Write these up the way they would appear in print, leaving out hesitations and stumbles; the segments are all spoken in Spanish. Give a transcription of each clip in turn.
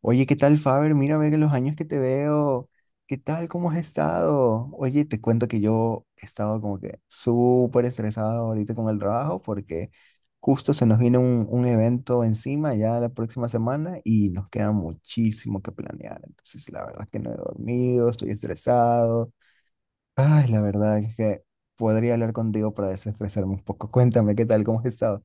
Oye, ¿qué tal, Faber? Mira, ve que los años que te veo. ¿Qué tal? ¿Cómo has estado? Oye, te cuento que yo he estado como que súper estresado ahorita con el trabajo porque justo se nos viene un evento encima ya la próxima semana y nos queda muchísimo que planear. Entonces, la verdad es que no he dormido, estoy estresado. Ay, la verdad es que podría hablar contigo para desestresarme un poco. Cuéntame, ¿qué tal? ¿Cómo has estado?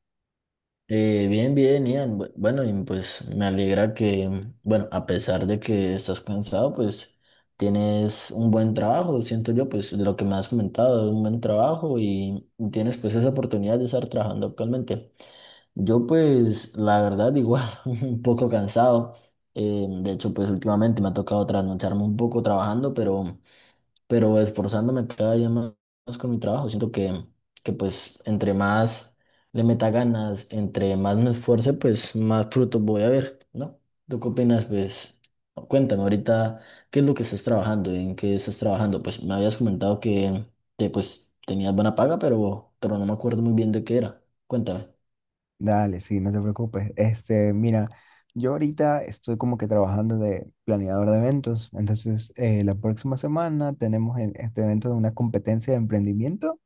Bien, bien, Ian. Bueno, y pues me alegra que, bueno, a pesar de que estás cansado, pues tienes un buen trabajo, siento yo, pues de lo que me has comentado, un buen trabajo y tienes pues esa oportunidad de estar trabajando actualmente. Yo pues, la verdad, igual, un poco cansado. De hecho, pues últimamente me ha tocado trasnocharme un poco trabajando, pero esforzándome cada día más, con mi trabajo. Siento que, pues entre más le meta ganas, entre más me esfuerce, pues más frutos voy a ver, ¿no? ¿Tú qué opinas? Pues cuéntame ahorita, ¿qué es lo que estás trabajando? ¿En qué estás trabajando? Pues me habías comentado que, pues tenías buena paga, pero no me acuerdo muy bien de qué era. Cuéntame. Dale, sí, no te preocupes. Este, mira, yo ahorita estoy como que trabajando de planeador de eventos. Entonces, la próxima semana tenemos este evento de una competencia de emprendimiento.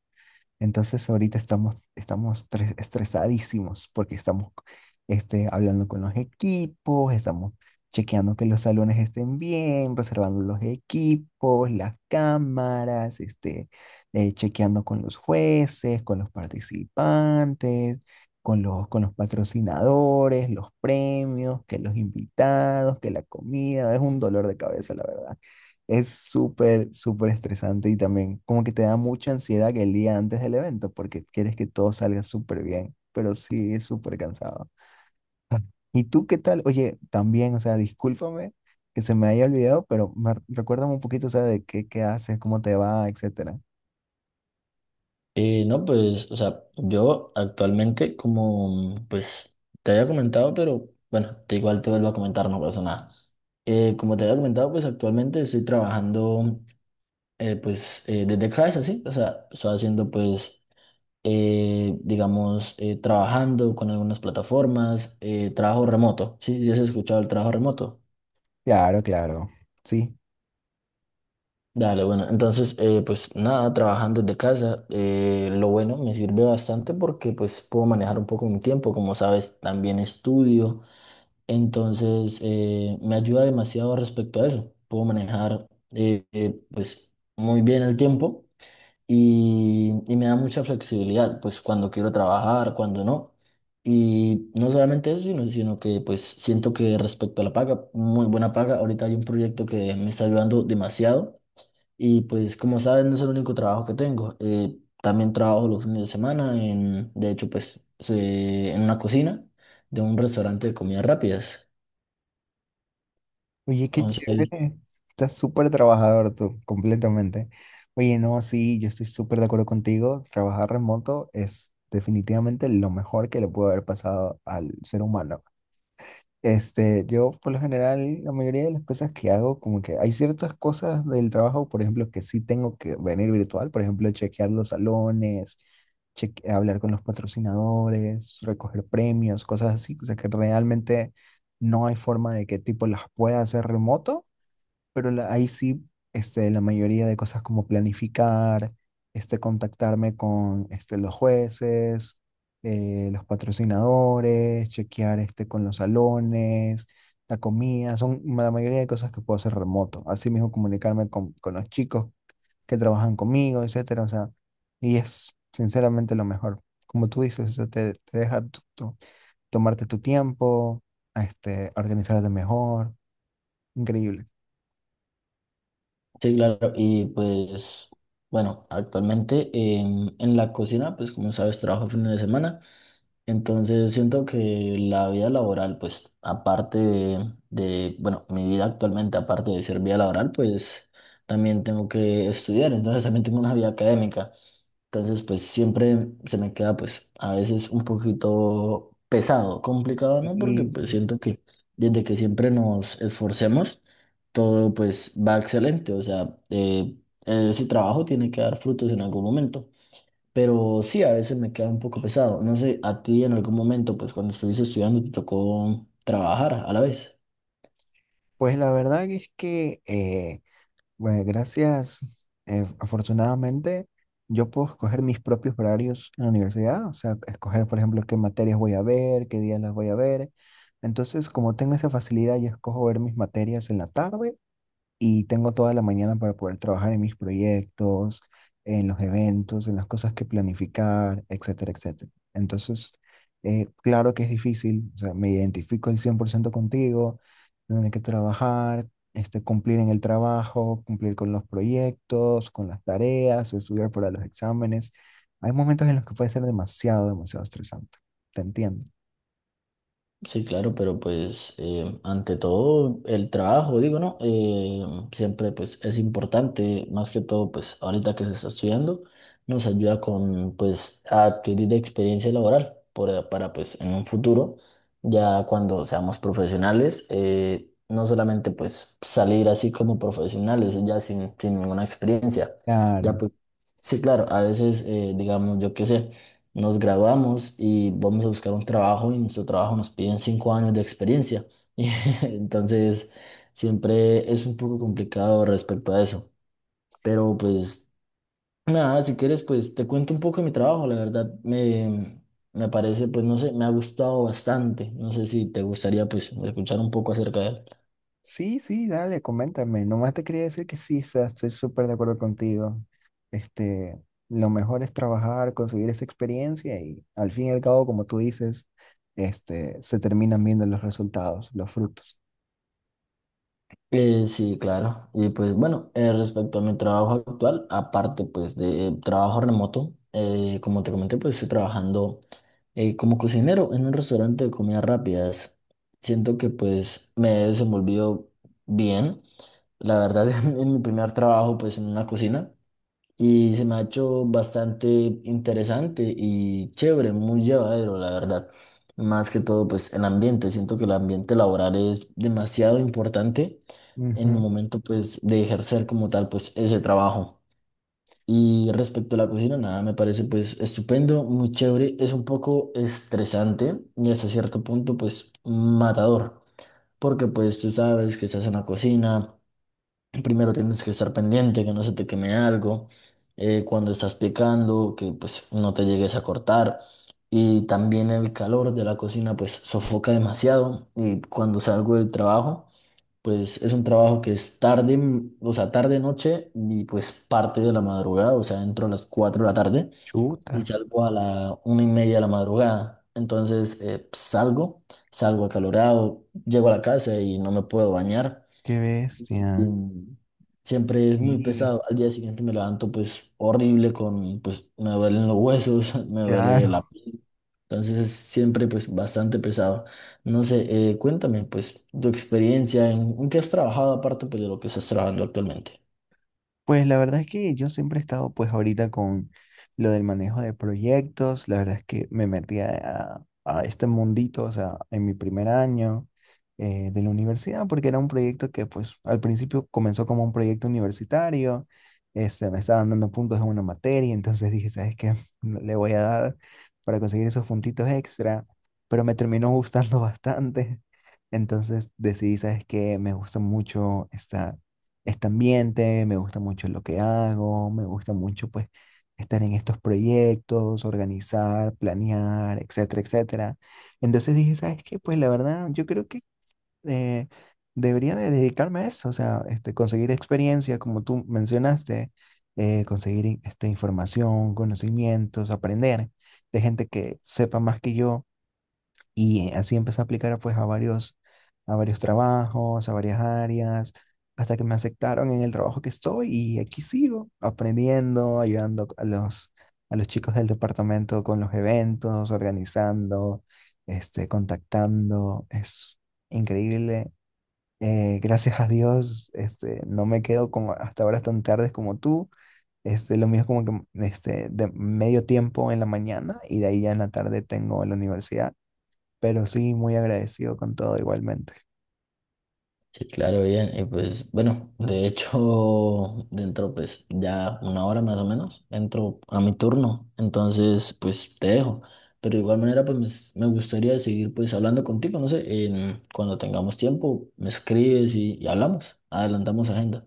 Entonces ahorita estamos estresadísimos porque estamos este, hablando con los equipos, estamos chequeando que los salones estén bien, reservando los equipos, las cámaras, este, chequeando con los jueces, con los participantes, con los patrocinadores, los premios, que los invitados, que la comida. Es un dolor de cabeza, la verdad. Es súper estresante y también como que te da mucha ansiedad que el día antes del evento porque quieres que todo salga súper bien, pero sí es súper cansado. Ah. ¿Y tú qué tal? Oye, también, o sea, discúlpame que se me haya olvidado, pero recuérdame un poquito, o sea, qué haces, cómo te va, etcétera. No, pues, o sea, yo actualmente, como pues te había comentado, pero bueno, te igual te vuelvo a comentar, no pasa nada. Como te había comentado, pues actualmente estoy trabajando pues desde casa, ¿sí? O sea, estoy haciendo pues, digamos, trabajando con algunas plataformas, trabajo remoto, ¿sí? ¿Ya has escuchado el trabajo remoto? Claro, claro. Sí. Dale, bueno, entonces, pues nada, trabajando desde casa, lo bueno me sirve bastante porque pues puedo manejar un poco mi tiempo, como sabes, también estudio, entonces me ayuda demasiado respecto a eso, puedo manejar pues muy bien el tiempo y, me da mucha flexibilidad, pues cuando quiero trabajar, cuando no, y no solamente eso, sino que pues siento que respecto a la paga, muy buena paga, ahorita hay un proyecto que me está ayudando demasiado y pues como sabes, no es el único trabajo que tengo. También trabajo los fines de semana en, de hecho, pues se- en una cocina de un restaurante de comidas rápidas. Oye, qué Entonces, chévere. Estás súper trabajador tú, completamente. Oye, no, sí, yo estoy súper de acuerdo contigo. Trabajar remoto es definitivamente lo mejor que le puede haber pasado al ser humano. Este, yo por lo general, la mayoría de las cosas que hago, como que hay ciertas cosas del trabajo, por ejemplo, que sí tengo que venir virtual, por ejemplo, chequear los salones, hablar con los patrocinadores, recoger premios, cosas así, o sea que realmente no hay forma de que tipo las pueda hacer remoto pero ahí sí, este, la mayoría de cosas como planificar, este, contactarme con este, los jueces, los patrocinadores, chequear este, con los salones, la comida, son la mayoría de cosas que puedo hacer remoto. Así mismo comunicarme con los chicos que trabajan conmigo, etcétera. O sea, y es sinceramente lo mejor. Como tú dices, te deja tomarte tu tiempo, este, organizarte mejor. Increíble. sí, claro. Y pues, bueno, actualmente en la cocina, pues como sabes, trabajo fines de semana. Entonces siento que la vida laboral, pues aparte bueno, mi vida actualmente, aparte de ser vida laboral, pues también tengo que estudiar, entonces también tengo una vida académica. Entonces, pues siempre se me queda, pues a veces un poquito pesado, complicado, ¿no? Porque pues Y, siento que desde que siempre nos esforcemos, todo pues va excelente, o sea, ese trabajo tiene que dar frutos en algún momento. Pero sí, a veces me queda un poco pesado. No sé, a ti en algún momento, pues cuando estuviste estudiando, te tocó trabajar a la vez. pues la verdad es que, bueno, gracias, afortunadamente, yo puedo escoger mis propios horarios en la universidad, o sea, escoger, por ejemplo, qué materias voy a ver, qué días las voy a ver. Entonces, como tengo esa facilidad, yo escojo ver mis materias en la tarde y tengo toda la mañana para poder trabajar en mis proyectos, en los eventos, en las cosas que planificar, etcétera, etcétera. Entonces, claro que es difícil, o sea, me identifico el 100% contigo, tener que trabajar, este, cumplir en el trabajo, cumplir con los proyectos, con las tareas, estudiar para los exámenes. Hay momentos en los que puede ser demasiado estresante. Te entiendo. Sí, claro, pero pues ante todo el trabajo, digo, ¿no? Siempre pues es importante, más que todo pues ahorita que se está estudiando, nos ayuda con pues a adquirir experiencia laboral por- para pues en un futuro, ya cuando seamos profesionales, no solamente pues salir así como profesionales, ya sin ninguna experiencia, ya Claro. pues sí, claro, a veces digamos, yo qué sé. Nos graduamos y vamos a buscar un trabajo y nuestro trabajo nos piden 5 años de experiencia. Y entonces siempre es un poco complicado respecto a eso. Pero pues nada, si quieres pues te cuento un poco de mi trabajo. La verdad me, parece pues no sé, me ha gustado bastante. No sé si te gustaría pues escuchar un poco acerca de él. Sí, sí, dale, coméntame. Nomás te quería decir que sí, o sea, estoy súper de acuerdo contigo. Este, lo mejor es trabajar, conseguir esa experiencia y al fin y al cabo, como tú dices, este, se terminan viendo los resultados, los frutos. Sí, claro. Y pues bueno, respecto a mi trabajo actual, aparte pues de trabajo remoto, como te comenté, pues estoy trabajando como cocinero en un restaurante de comidas rápidas. Siento que pues me he desenvolvido bien. La verdad, en mi primer trabajo pues en una cocina. Y se me ha hecho bastante interesante y chévere, muy llevadero, la verdad. Más que todo, pues el ambiente. Siento que el ambiente laboral es demasiado importante en el Ujú. momento, pues, de ejercer como tal, pues, ese trabajo. Y respecto a la cocina, nada, me parece, pues, estupendo, muy chévere. Es un poco estresante y hasta cierto punto, pues, matador. Porque, pues, tú sabes que estás en la cocina. Primero tienes que estar pendiente, que no se te queme algo, cuando estás picando, que pues no te llegues a cortar. Y también el calor de la cocina pues sofoca demasiado. Y cuando salgo del trabajo, pues es un trabajo que es tarde, o sea, tarde noche y pues parte de la madrugada, o sea, entro a las 4 de la tarde y Chuta, salgo a la 1:30 de la madrugada. Entonces salgo, acalorado, llego a la casa y no me puedo bañar qué y bestia. siempre es muy Sí, pesado. Al día siguiente me levanto pues horrible con, pues me duelen los huesos, me duele la claro. piel. Entonces es siempre pues bastante pesado. No sé, cuéntame pues tu experiencia, en, qué has trabajado aparte pues de lo que estás trabajando actualmente. Pues la verdad es que yo siempre he estado pues ahorita con lo del manejo de proyectos, la verdad es que me metí a este mundito, o sea, en mi primer año de la universidad, porque era un proyecto que pues al principio comenzó como un proyecto universitario, este, me estaban dando puntos en una materia, entonces dije, ¿sabes qué? Le voy a dar para conseguir esos puntitos extra, pero me terminó gustando bastante, entonces decidí, ¿sabes qué? Me gusta mucho esta este ambiente, me gusta mucho lo que hago, me gusta mucho pues estar en estos proyectos, organizar, planear, etcétera, etcétera. Entonces dije, ¿sabes qué? Pues la verdad, yo creo que eh, debería de dedicarme a eso, o sea, este, conseguir experiencia, como tú mencionaste, conseguir este, información, conocimientos, aprender de gente que sepa más que yo y así empecé a aplicar pues a varios trabajos, a varias áreas, hasta que me aceptaron en el trabajo que estoy y aquí sigo aprendiendo, ayudando a los chicos del departamento con los eventos, organizando, este, contactando. Es increíble. Gracias a Dios, este, no me quedo como hasta horas tan tardes como tú. Este, lo mío es como que este, de medio tiempo en la mañana y de ahí ya en la tarde tengo la universidad pero sí, muy agradecido con todo igualmente. Sí, claro, bien. Y pues, bueno, de hecho, dentro, pues, ya una hora más o menos, entro a mi turno. Entonces, pues, te dejo. Pero de igual manera, pues, me, gustaría seguir, pues, hablando contigo, no sé, en, cuando tengamos tiempo, me escribes y, hablamos. Adelantamos agenda.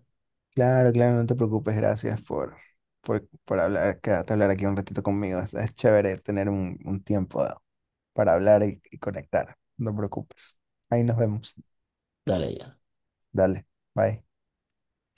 Claro, claro, no te preocupes, gracias por, por hablar, quedarte a hablar aquí un ratito conmigo. Es chévere tener un tiempo para hablar y conectar. No te preocupes. Ahí nos vemos. Dale, ya. Dale, bye.